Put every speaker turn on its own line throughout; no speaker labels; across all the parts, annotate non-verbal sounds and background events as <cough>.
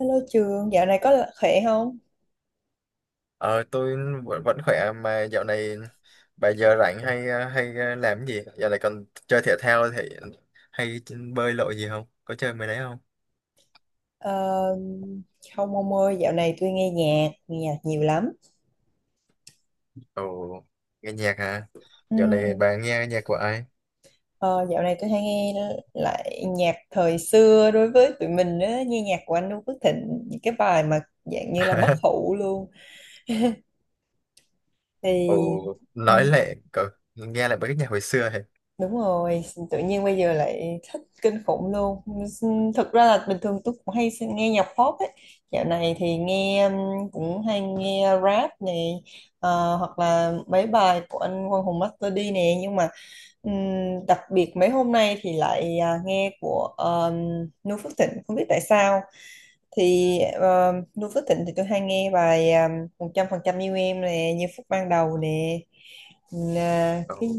Hello Trường, dạo này có khỏe không?
Ờ, tôi vẫn khỏe mà dạo này bà giờ rảnh hay làm cái gì? Dạo này còn chơi thể thao thì hay bơi lội gì không? Có chơi mấy đấy không?
Ờ, không ông ơi, dạo này tôi nghe nhạc nhiều lắm.
Ồ, nghe nhạc hả? Dạo này
Ừm,
bà nghe nhạc của ai?
ờ, dạo này tôi hay nghe lại nhạc thời xưa đối với tụi mình á, nghe nhạc của anh Noo Phước Thịnh, những cái bài mà dạng như là bất
<laughs>
hủ luôn.
Ồ,
Thì ừ,
nói lại cậu nghe lại mấy cái nhạc hồi xưa hả?
đúng rồi, tự nhiên bây giờ lại thích kinh khủng luôn. Thực ra là bình thường tôi cũng hay nghe nhạc pop ấy. Dạo này thì nghe cũng hay nghe rap này, hoặc là mấy bài của anh Quang Hùng Master D nè. Nhưng mà đặc biệt mấy hôm nay thì lại nghe của Noo Phước Thịnh, không biết tại sao. Thì Noo Phước Thịnh thì tôi hay nghe bài 100% yêu em nè, như phút ban đầu nè, là
Ồ.
cái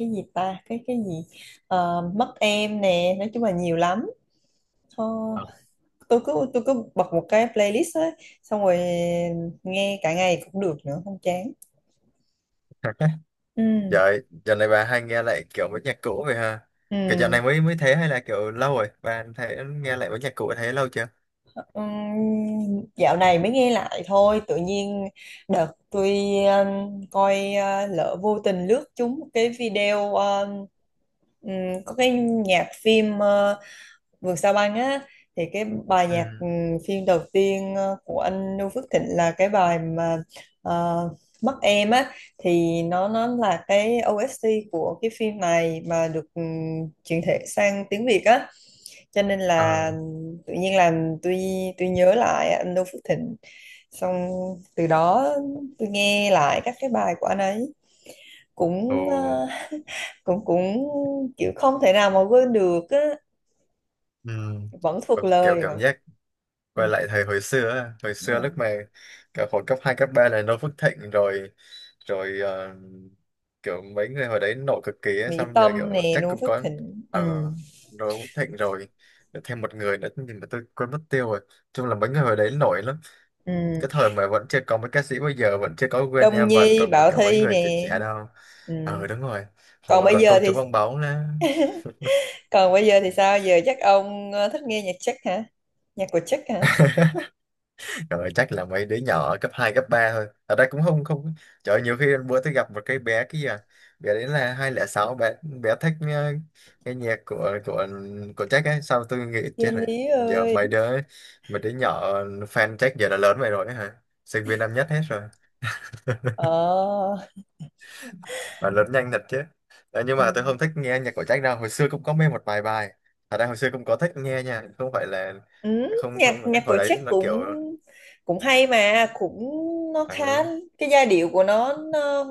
cái gì ta, cái gì. Mất em nè, nói chung là nhiều lắm. Thôi,
Ờ.
tôi cứ bật một cái playlist ấy, xong rồi nghe cả ngày cũng được nữa, không chán.
<laughs>
Ừ.
Vậy dạo này bà hay nghe lại kiểu mấy nhạc cũ vậy ha? Kiểu dạo
Ừ.
này mới mới thế hay là kiểu lâu rồi? Bà thấy nghe lại mấy nhạc cũ thấy lâu chưa?
Dạo này mới nghe lại thôi, tự nhiên đợt tôi coi, lỡ vô tình lướt trúng một cái video, ừm, có cái nhạc phim Vườn Sao Băng á, thì cái bài
Ừ.
nhạc phim đầu tiên của anh Noo Phước Thịnh là cái bài mà ờ, Mắt Em á, thì nó là cái OST của cái phim này, mà được chuyển thể sang tiếng Việt á, cho nên là
Ờ.
tự nhiên làm tôi nhớ lại anh Noo Phước Thịnh. Xong từ đó tôi nghe lại các cái bài của anh ấy,
Ồ.
cũng cũng cũng kiểu không thể nào mà quên được á,
Ừ.
vẫn thuộc
Kiểu kiểu
lời
cảm
vẫn.
giác
ừ,
quay lại thời hồi xưa á, hồi
Đúng
xưa lúc
rồi.
mà cả hồi cấp 2 cấp 3 là Noo Phước Thịnh rồi rồi ờ, kiểu mấy người hồi đấy nổi cực kỳ ấy,
Mỹ
xong giờ kiểu
Tâm nè,
chắc
Noo
cũng
Phước
có
Thịnh, ừ.
ờ Noo Phước Thịnh rồi thêm một người nữa nhưng mà tôi quên mất tiêu rồi, chung là mấy người hồi đấy nổi lắm, cái
Ừ.
thời mà vẫn chưa có mấy ca sĩ bây giờ, vẫn chưa có Gwen
Đông
Evan
Nhi
rồi, mà
Bảo
kiểu mấy
Thy
người trẻ
nè.
trẻ đâu.
Ừ.
Đúng rồi, hồi
còn
mà
bây
còn
giờ
công chúa
thì
bong bóng nữa.
Còn bây giờ thì sao? Giờ chắc ông thích nghe nhạc Czech hả? Nhạc của Czech hả?
Trời ơi, chắc là mấy đứa nhỏ ở cấp 2 cấp 3 thôi. Ở đây cũng không không. Trời ơi, nhiều khi bữa tôi gặp một cái bé kia, bé đấy là 2006, bé bé thích cái nhạc của Jack ấy, sao tôi nghĩ chết
Thiên
rồi.
Lý
Giờ
ơi.
mấy đứa nhỏ fan Jack giờ đã lớn vậy rồi ấy hả? Sinh viên năm nhất hết rồi.
ờ
Mà lớn nhanh thật chứ. Ờ, nhưng
ừ.
mà tôi không thích nghe nhạc của Jack đâu, hồi xưa cũng có mê một vài bài. Ở đây hồi xưa cũng có thích nghe nha, không phải là
Ừ,
không không,
nhạc nhạc của
hồi đấy
Jack
nó
cũng
kiểu
cũng hay mà cũng, nó khá,
ừ,
cái giai điệu của nó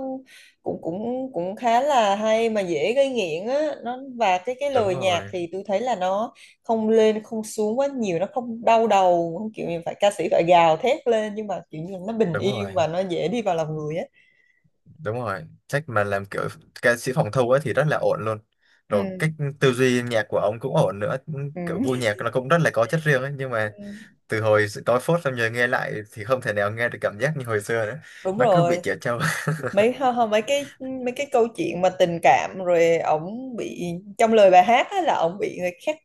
cũng cũng cũng khá là hay mà dễ gây nghiện á, nó và cái
đúng
lời nhạc
rồi,
thì tôi thấy là nó không lên không xuống quá nhiều, nó không đau đầu, không kiểu như phải ca sĩ phải gào thét lên, nhưng mà kiểu như nó bình
đúng rồi.
yên và nó dễ đi vào lòng người á.
Đúng rồi, trách mà làm kiểu ca sĩ phòng thu ấy thì rất là ổn luôn, rồi
Ừ.
cách tư duy nhạc của ông cũng ổn nữa, kiểu
Ừ.
gu nhạc nó cũng rất là có chất riêng ấy, nhưng
Ừ.
mà từ hồi tối phốt xong giờ nghe lại thì không thể nào nghe được cảm giác như hồi xưa nữa,
Đúng
nó cứ bị
rồi,
trẻ trâu.
mấy hơ hơ, mấy cái câu chuyện mà tình cảm, rồi ổng bị, trong lời bài hát á, là ổng bị người khác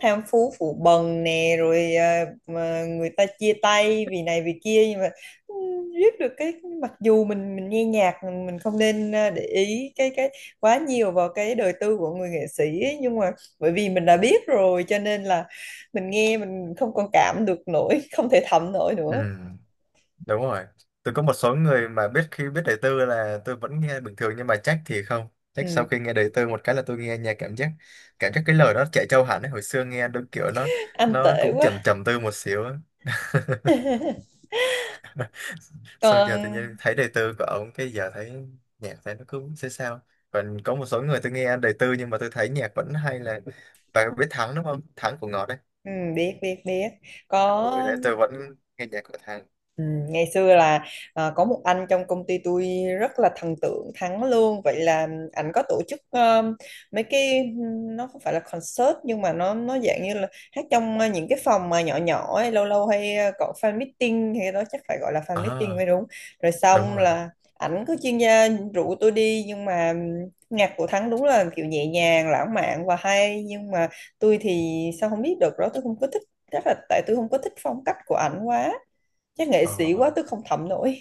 tham phú phụ bần nè, rồi mà người ta chia tay vì này vì kia, nhưng mà ừ, viết được cái, mặc dù mình nghe nhạc, mình không nên để ý cái quá nhiều vào cái đời tư của người nghệ sĩ ấy, nhưng mà bởi vì mình đã biết rồi, cho nên là mình nghe mình không còn cảm được nổi, không thể thẩm nổi
<laughs> Ừ,
nữa.
đúng rồi, tôi có một số người mà biết, khi biết đời tư là tôi vẫn nghe bình thường nhưng mà trách thì không, trách
Ừ,
sau khi nghe đời tư một cái là tôi nghe nhạc cảm giác cái lời nó trẻ trâu hẳn ấy, hồi xưa nghe đúng kiểu nó
anh
nó
tệ
cũng
quá.
trầm trầm tư một xíu ấy.
<laughs>
Xong giờ tự
còn.
nhiên thấy đời tư của ổng cái giờ thấy nhạc, thấy nó cứ sẽ sao. Còn có một số người tôi nghe đời tư nhưng mà tôi thấy nhạc vẫn hay, là bạn biết Thắng đúng không, Thắng của Ngọt đấy.
Ừ, biết biết biết, có.
Ừ, đấy tôi vẫn nghe nhạc của Thắng.
Ừ, ngày xưa là, có một anh trong công ty tôi rất là thần tượng Thắng luôn. Vậy là anh có tổ chức mấy cái, nó không phải là concert nhưng mà nó dạng như là hát trong những cái phòng mà nhỏ nhỏ ấy, lâu lâu hay có fan meeting hay đó, chắc phải gọi là fan meeting mới
À
đúng. Rồi
đúng
xong
rồi.
là ảnh cứ chuyên gia rủ tôi đi, nhưng mà nhạc của Thắng đúng là kiểu nhẹ nhàng lãng mạn và hay, nhưng mà tôi thì sao không biết được đó, tôi không có thích, chắc là tại tôi không có thích phong cách của ảnh quá, chắc nghệ
ờ
sĩ quá tôi không thẩm nổi.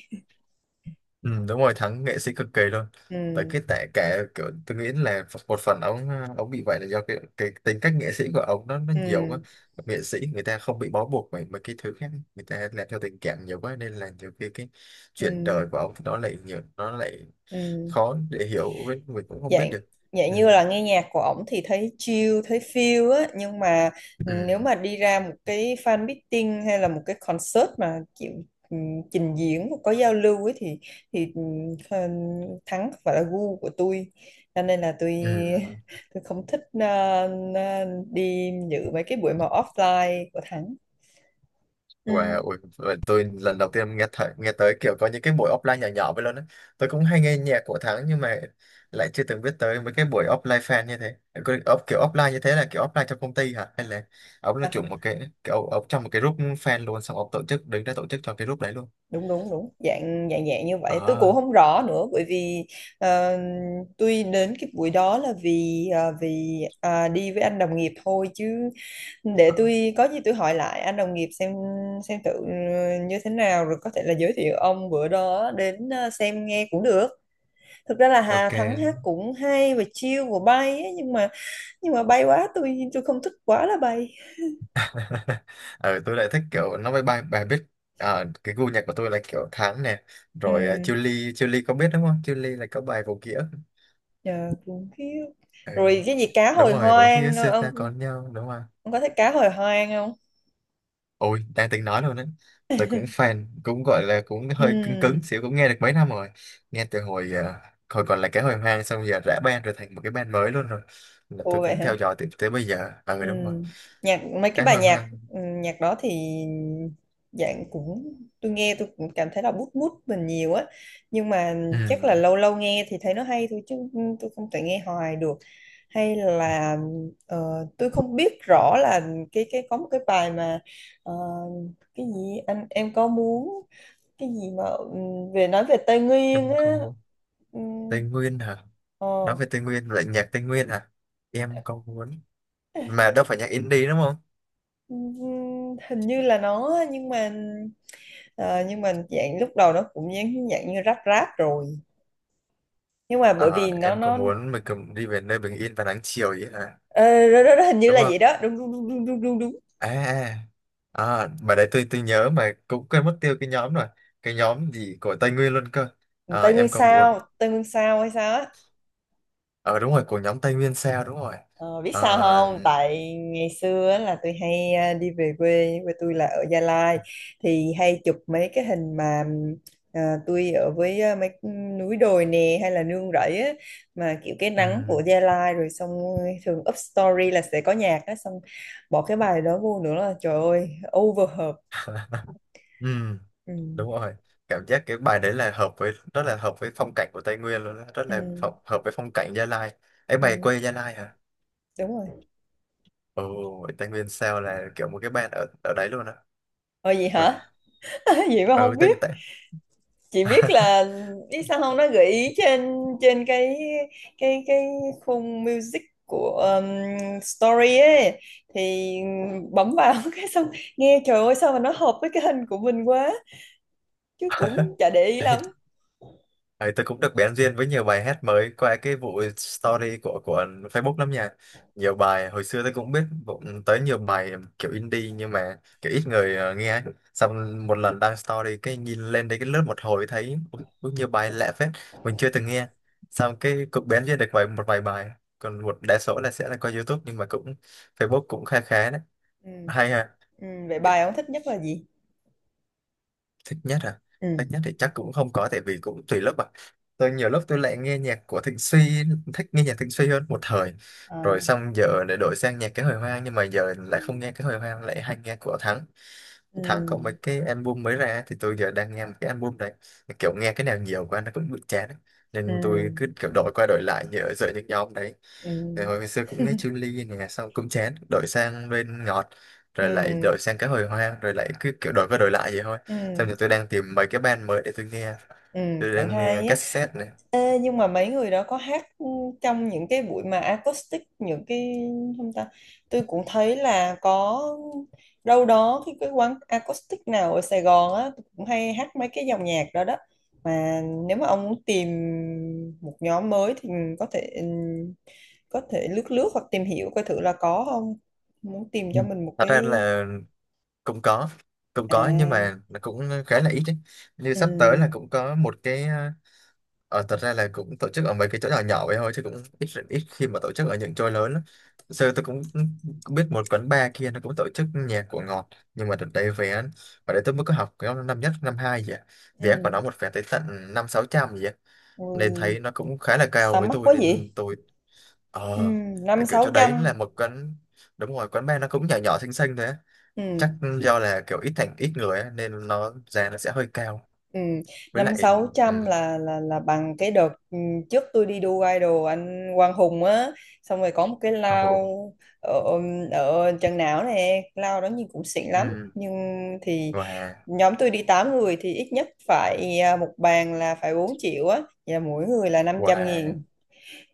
Ừ, đúng rồi, Thắng nghệ sĩ cực kỳ luôn, tại
Ừ.
cái tại cả kiểu tôi nghĩ là một phần ông bị vậy là do cái tính cách nghệ sĩ của ông nó nhiều quá.
Ừ.
Nghệ sĩ người ta không bị bó buộc bởi mấy cái thứ khác, người ta làm theo tình cảm nhiều quá nên là nhiều khi cái chuyện
Ừ.
đời của ông nó lại nhiều, nó lại
Ừ.
khó để hiểu, với mình cũng không biết
Dạng,
được.
như
Ừ.
là nghe nhạc của ổng thì thấy chill thấy feel á, nhưng mà
Ừ.
nếu mà đi ra một cái fan meeting hay là một cái concert mà chịu ừ, trình diễn có giao lưu ấy, thì thì ừ, Thắng không phải là gu của tôi, cho nên là tôi
Ừ.
tôi không thích ờ, đi dự mấy cái buổi mà offline của Thắng. Ừ,
Wow, ui, vậy tôi lần đầu tiên nghe thấy, nghe tới kiểu có những cái buổi offline nhỏ nhỏ vậy luôn á. Tôi cũng hay nghe nhạc của Thắng nhưng mà lại chưa từng biết tới mấy cái buổi offline fan như thế. Kiểu offline như thế là kiểu offline trong công ty hả? Hay là ông là chủ một cái kiểu ông trong một cái group fan luôn, xong ông tổ chức, đứng ra tổ chức cho cái group đấy luôn.
đúng đúng đúng, dạng dạng dạng như vậy, tôi cũng
À,
không rõ nữa, bởi vì ờ, tôi đến cái buổi đó là vì đi với anh đồng nghiệp thôi, chứ để
à,
tôi có gì tôi hỏi lại anh đồng nghiệp xem thử như thế nào, rồi có thể là giới thiệu ông bữa đó đến xem nghe cũng được. Thực ra là Hà Thắng
ok.
hát cũng hay và chill và bay ấy, nhưng mà bay quá, tôi không thích quá là bay.
<laughs> Ờ, tôi lại thích kiểu nó bài, bài biết. Ờ, cái gu nhạc của tôi là kiểu Thắng nè, rồi
Ừ,
Chillies, Chillies, có biết đúng không? Chillies là có bài vô nghĩa.
yeah, cũng khiếp. Rồi cái gì cá
Đúng
hồi
rồi, cũng kia
hoang
xưa ta
ông.
có nhau, đúng rồi.
Ông có thích cá hồi hoang không?
Ôi đang tính nói luôn đấy, tôi cũng fan, cũng gọi là cũng hơi cứng
Ừ,
cứng xíu, cũng nghe được mấy năm rồi, nghe từ hồi còn là cái hồi hoang, xong giờ rã band rồi thành một cái band mới luôn rồi, là
ồ
tôi
vậy
cũng
hả?
theo dõi tới bây giờ. À ừ,
Ừ.
đúng rồi,
Nhạc mấy cái
cái
bài
hồi
nhạc
hoang.
nhạc đó thì dạng, cũng tôi nghe tôi cũng cảm thấy là bút bút mình nhiều á, nhưng mà
Ừ,
chắc là lâu lâu nghe thì thấy nó hay thôi, chứ tôi không thể nghe hoài được. Hay là tôi không biết rõ là cái có một cái bài mà ờ, cái gì anh em có muốn, cái gì mà về nói về Tây Nguyên
em
á.
không muốn.
Ừ.
Tây Nguyên hả?
Ờ.
Nói về Tây Nguyên lại nhạc Tây Nguyên hả? Em có muốn, mà đâu phải nhạc indie đúng không?
Hình như là nó, nhưng mà ờ, nhưng mà dạng lúc đầu nó cũng dạng, như ráp, rồi, nhưng mà bởi
Ờ,
vì nó
em có
nó
muốn mình cùng đi về nơi bình yên và nắng chiều, vậy hả,
ờ, đó, đó, đó, hình như
đúng
là
không?
vậy đó, đúng đúng đúng đúng đúng đúng
à à mà đấy tôi nhớ mà cũng quên mất tiêu cái nhóm rồi, cái nhóm gì của Tây Nguyên luôn cơ.
đúng.
À,
Tây Nguyên
em còn muốn.
sao, Tây Nguyên sao hay sao á.
Ờ Đúng rồi, của nhóm Tây Nguyên Sao, đúng rồi.
Ờ, biết sao
Ờ,
không? Tại ngày xưa á là tôi hay đi về quê, quê tôi là ở Gia Lai, thì hay chụp mấy cái hình mà tôi ở với mấy núi đồi nè, hay là nương rẫy á, mà kiểu cái nắng
ừm,
của Gia Lai. Rồi xong thường up story là sẽ có nhạc á, xong bỏ cái bài đó vô nữa là trời ơi, over hợp.
ừm,
Ừ,
đúng rồi, cảm giác cái bài đấy là hợp với, rất là hợp với phong cảnh của Tây Nguyên luôn đó, rất
ừ,
là hợp với phong cảnh Gia Lai ấy. Mày
ừ,
quê Gia Lai hả?
đúng rồi.
Ồ, Tây Nguyên Sao là kiểu một cái band ở ở đấy luôn á?
Ờ gì hả?
Wow.
<laughs> Vậy mà
Ừ,
không
Tây
biết.
Tây
Chị biết là, biết sao không, nó gợi ý trên, trên cái cái khung music của story ấy, thì bấm vào, <laughs> cái xong nghe trời ơi sao mà nó hợp với cái hình của mình quá, chứ cũng chả để ý lắm.
<laughs> Ấy, tôi cũng được bén duyên với nhiều bài hát mới qua cái vụ story của Facebook lắm nha. Nhiều bài hồi xưa tôi cũng biết, cũng tới nhiều bài kiểu indie nhưng mà kiểu ít người nghe ấy. Xong một lần đăng story cái nhìn lên đấy, cái lướt một hồi thấy ui, ui, nhiều bài lạ phết mình chưa từng nghe. Xong cái cũng bén duyên được một vài bài, còn một đa số là sẽ là qua YouTube, nhưng mà cũng Facebook cũng khá khá đấy.
Ừ.
Hay ha.
Ừ. Vậy bài ông thích nhất là gì?
Thích nhất à?
Ừ.
Thích nhất thì chắc cũng không có, tại vì cũng tùy lớp à, tôi nhiều lúc tôi lại nghe nhạc của Thịnh Suy, thích nghe nhạc Thịnh Suy hơn một thời, rồi
Ờ.
xong giờ lại đổi sang nhạc cái hồi hoang, nhưng mà giờ lại không nghe cái hồi hoang, lại hay nghe của Thắng.
Ừ.
Thắng có mấy cái album mới ra thì tôi giờ đang nghe một cái album đấy, kiểu nghe cái nào nhiều quá nó cũng bị chán ấy,
Ừ.
nên tôi cứ kiểu đổi qua đổi lại như ở giữa những nhóm đấy.
Ừ.
Rồi hồi xưa cũng nghe
<laughs>
Chun-Li nè xong cũng chán đổi sang bên Ngọt, rồi lại
ừ.
đổi sang cái hồi hoang, rồi lại cứ kiểu đổi qua đổi lại vậy thôi.
Ừ.
Xong rồi tôi đang tìm mấy cái band mới để tôi nghe.
Ừ.
Tôi
Cũng
đang nghe
hay á.
cassette này.
Ê, nhưng
Ừ.
mà mấy người đó có hát trong những cái buổi mà acoustic, những cái, không ta, tôi cũng thấy là có, đâu đó cái quán acoustic nào ở Sài Gòn á, tôi cũng hay hát mấy cái dòng nhạc đó đó, mà nếu mà ông muốn tìm một nhóm mới thì có thể, có thể lướt lướt hoặc tìm hiểu coi thử là có không, muốn tìm
Ừ.
cho mình một
Thật ra
cái.
là cũng có. Cũng có nhưng mà
À.
nó cũng khá là ít đấy. Như sắp tới là
Ừ.
cũng có một cái... thật ra là cũng tổ chức ở mấy cái chỗ nhỏ nhỏ vậy thôi chứ cũng ít ít khi mà tổ chức ở những chỗ lớn lắm. Sơ tôi cũng cũng biết một quán bar kia nó cũng tổ chức nhạc của Ngọt, nhưng mà đợt đấy vé, ở đấy tôi mới có học cái năm nhất năm hai gì à, vé của
Ừ.
nó một vé tới tận năm sáu trăm gì á, nên
Ừ.
thấy nó cũng khá là cao
Sao
với
mắc
tôi
quá
nên
vậy?
tôi.
Ừ,
Ờ, tại
năm
kiểu
sáu
chỗ đấy là
trăm.
một quán, đúng rồi quán bar nó cũng nhỏ nhỏ xinh xinh thế,
Ừ.
chắc do là kiểu ít, thành ít người á, nên giá nó sẽ hơi cao,
Ừ,
với
năm
lại
sáu
ừ,
trăm là bằng cái đợt trước tôi đi đua idol anh Quang Hùng á, xong rồi có một cái lao
ồ,
ở, ở Trần Não nè, lao đó nhìn cũng xịn lắm,
ừ,
nhưng thì
và
nhóm tôi đi 8 người thì ít nhất phải một bàn là phải 4 triệu á, vậy là mỗi người là 500
và
nghìn,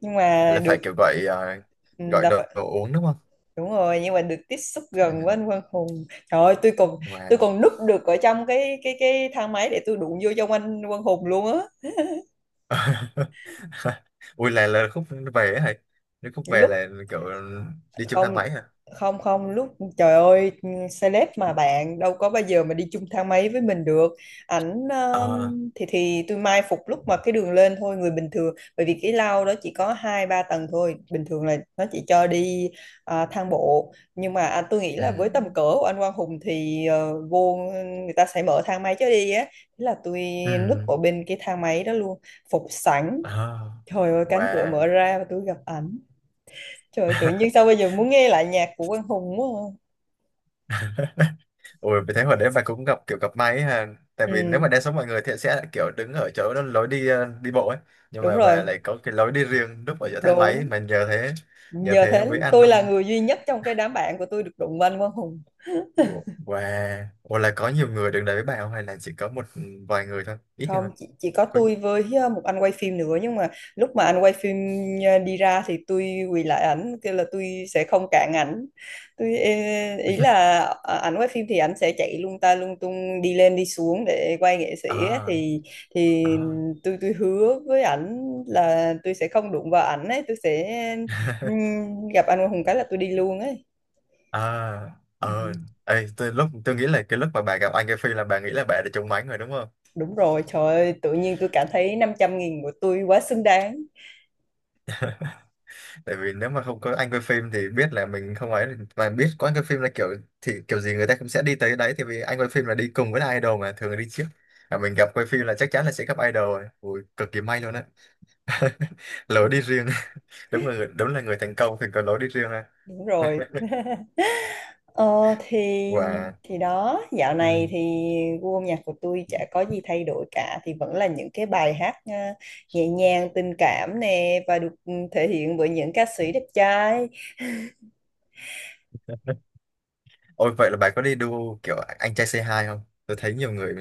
nhưng mà
là phải
được
kiểu gọi
ừ,
gọi
là
đồ,
phải.
đồ uống đúng không,
Đúng rồi, nhưng mà được tiếp xúc
ừ,
gần với anh Quang Hùng, trời ơi, tôi còn tôi
và.
còn núp được ở trong cái thang máy để tôi đụng vô trong anh Quang Hùng luôn á.
<laughs> Ui là khúc về ấy hả? Nếu khúc về
Lúc,
là kiểu đi chung thang
không,
máy hả?
không, không. Lúc, trời ơi, celeb mà bạn đâu có bao giờ mà đi chung thang máy với mình được. Ảnh
Ờ.
thì tôi mai phục lúc mà cái đường lên thôi, người bình thường, bởi vì cái lao đó chỉ có hai ba tầng thôi, bình thường là nó chỉ cho đi thang bộ, nhưng mà tôi nghĩ
Ừ.
là với tầm cỡ của anh Quang Hùng thì vô người ta sẽ mở thang máy cho đi á. Thế là tôi núp
Ừ.
ở bên cái thang máy đó luôn, phục sẵn.
Ờ.
Trời ơi,
Và.
cánh cửa mở ra và tôi gặp ảnh. Trời ơi, tự nhiên sao
<laughs>
bây giờ muốn nghe lại nhạc của Quang Hùng quá à.
Ôi, vì thế hồi đấy bà cũng gặp kiểu gặp may ấy ha. Tại vì nếu
Ừ,
mà đa số mọi người thì sẽ kiểu đứng ở chỗ đó, lối đi đi bộ ấy. Nhưng
đúng
mà
rồi,
bà lại có cái lối đi riêng, núp ở giữa thang máy
đúng.
mà nhờ thế, nhờ
Nhờ
thế
thế
mới ăn
tôi là
năm.
người duy nhất trong cái đám bạn của tôi được đụng vào anh Quang Hùng.
Wow. Ủa là có nhiều người đứng đấy với bà không hay là chỉ có một vài người thôi? Ít người.
Không, chỉ có
Có-
tôi với một anh quay phim nữa, nhưng mà lúc mà anh quay phim đi ra thì tôi quỳ lại ảnh kêu là tôi sẽ không cản ảnh, tôi ý là ảnh quay phim thì ảnh sẽ chạy lung ta lung tung đi lên đi xuống để quay nghệ sĩ á,
Ờ.
thì thì
Ờ.
tôi hứa với ảnh là tôi sẽ không đụng vào ảnh ấy, tôi sẽ
<laughs>
gặp anh Hùng cái là tôi đi luôn ấy.
Ờ.
Ừ,
Ờ. Ê, tôi lúc nghĩ là cái lúc mà bà gặp anh cái Phi là bà nghĩ là bà đã trúng mánh rồi đúng không?
đúng rồi, trời ơi, tự nhiên tôi cảm thấy 500 nghìn của tôi quá xứng đáng.
Tại vì nếu mà không có anh quay phim thì biết là mình không ấy, mà biết có anh quay phim là kiểu, thì kiểu gì người ta cũng sẽ đi tới đấy thì, vì anh quay phim là đi cùng với idol mà thường là đi trước, mà mình gặp quay phim là chắc chắn là sẽ gặp idol rồi. Ui, cực kỳ may luôn á. <laughs> Lối đi riêng. <laughs> Đúng là người thành công thì có lối đi riêng ha.
Đúng rồi. Ờ thì
Và
đó, dạo này
ừ.
thì gu âm nhạc của tôi chả có gì thay đổi cả, thì vẫn là những cái bài hát nhẹ nhàng tình cảm nè và được thể hiện bởi những ca sĩ đẹp trai.
Ôi vậy là bà có đi đua kiểu Anh Trai Say Hai Không? Tôi thấy nhiều người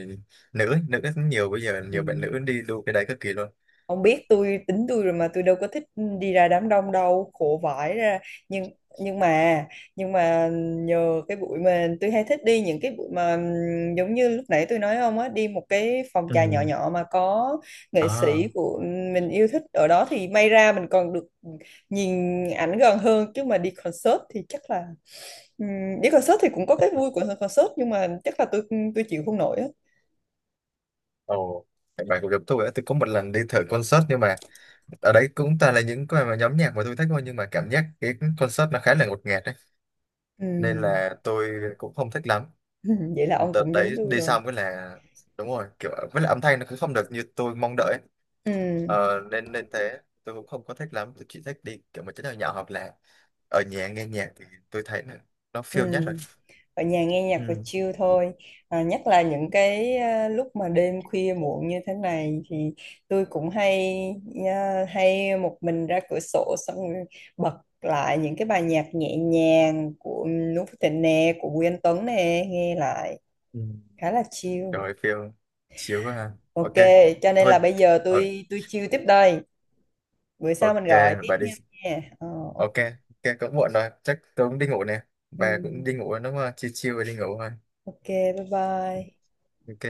nữ nữ rất nhiều, bây giờ nhiều bạn
Ừ.
nữ đi đua cái đấy cực kỳ luôn.
Ông biết tôi, tính tôi rồi mà, tôi đâu có thích đi ra đám đông đâu, khổ vãi ra. Nhưng nhưng mà nhưng mà nhờ cái buổi mà tôi hay thích đi những cái buổi mà giống như lúc nãy tôi nói ông á, đi một cái phòng trà nhỏ
Ừ.
nhỏ mà có nghệ sĩ
À.
của mình yêu thích ở đó, thì may ra mình còn được nhìn ảnh gần hơn, chứ mà đi concert thì chắc là đi concert thì cũng có cái vui của concert, nhưng mà chắc là tôi chịu không nổi á.
Ồ. Bạn cũng giống tôi á, tôi có một lần đi thử concert nhưng mà ở đấy cũng toàn là những cái mà nhóm nhạc mà tôi thích thôi, nhưng mà cảm giác cái concert nó khá là ngột ngạt đấy, nên
Ừm.
là tôi cũng không thích lắm.
<laughs> Vậy là ông
Đợt
cũng giống
đấy
tôi
đi
rồi.
xong cái là, đúng rồi, kiểu với lại âm thanh nó cũng không được như tôi mong đợi ấy.
Ừm.
Nên nên thế tôi cũng không có thích lắm, tôi chỉ thích đi kiểu mà chỗ nào nhỏ hoặc là ở nhà nghe nhạc thì tôi thấy là nó feel nhất rồi.
Ừm. Ở nhà nghe nhạc và
Ừ.
chill thôi, nhất là những cái, lúc mà đêm khuya muộn như thế này thì tôi cũng hay, hay một mình ra cửa sổ xong rồi bật lại những cái bài nhạc nhẹ nhàng của Noo Phước Thịnh nè, của Bùi Anh Tuấn nè, nghe lại
Ừ.
khá là chill.
Trời ơi, feel chiếu quá ha.
Ok.
Ok
Cho nên
thôi,
là bây giờ
ờ,
tôi chill tiếp đây, bữa sau mình
ok
gọi tiếp
bà đi.
nha. Nha. Ờ, ok.
Ok. Ok cũng muộn rồi chắc tôi cũng đi ngủ nè,
Ừ,
bà cũng đi ngủ rồi đúng không, chiều chiều rồi đi ngủ thôi.
ok, bye bye.
Ok.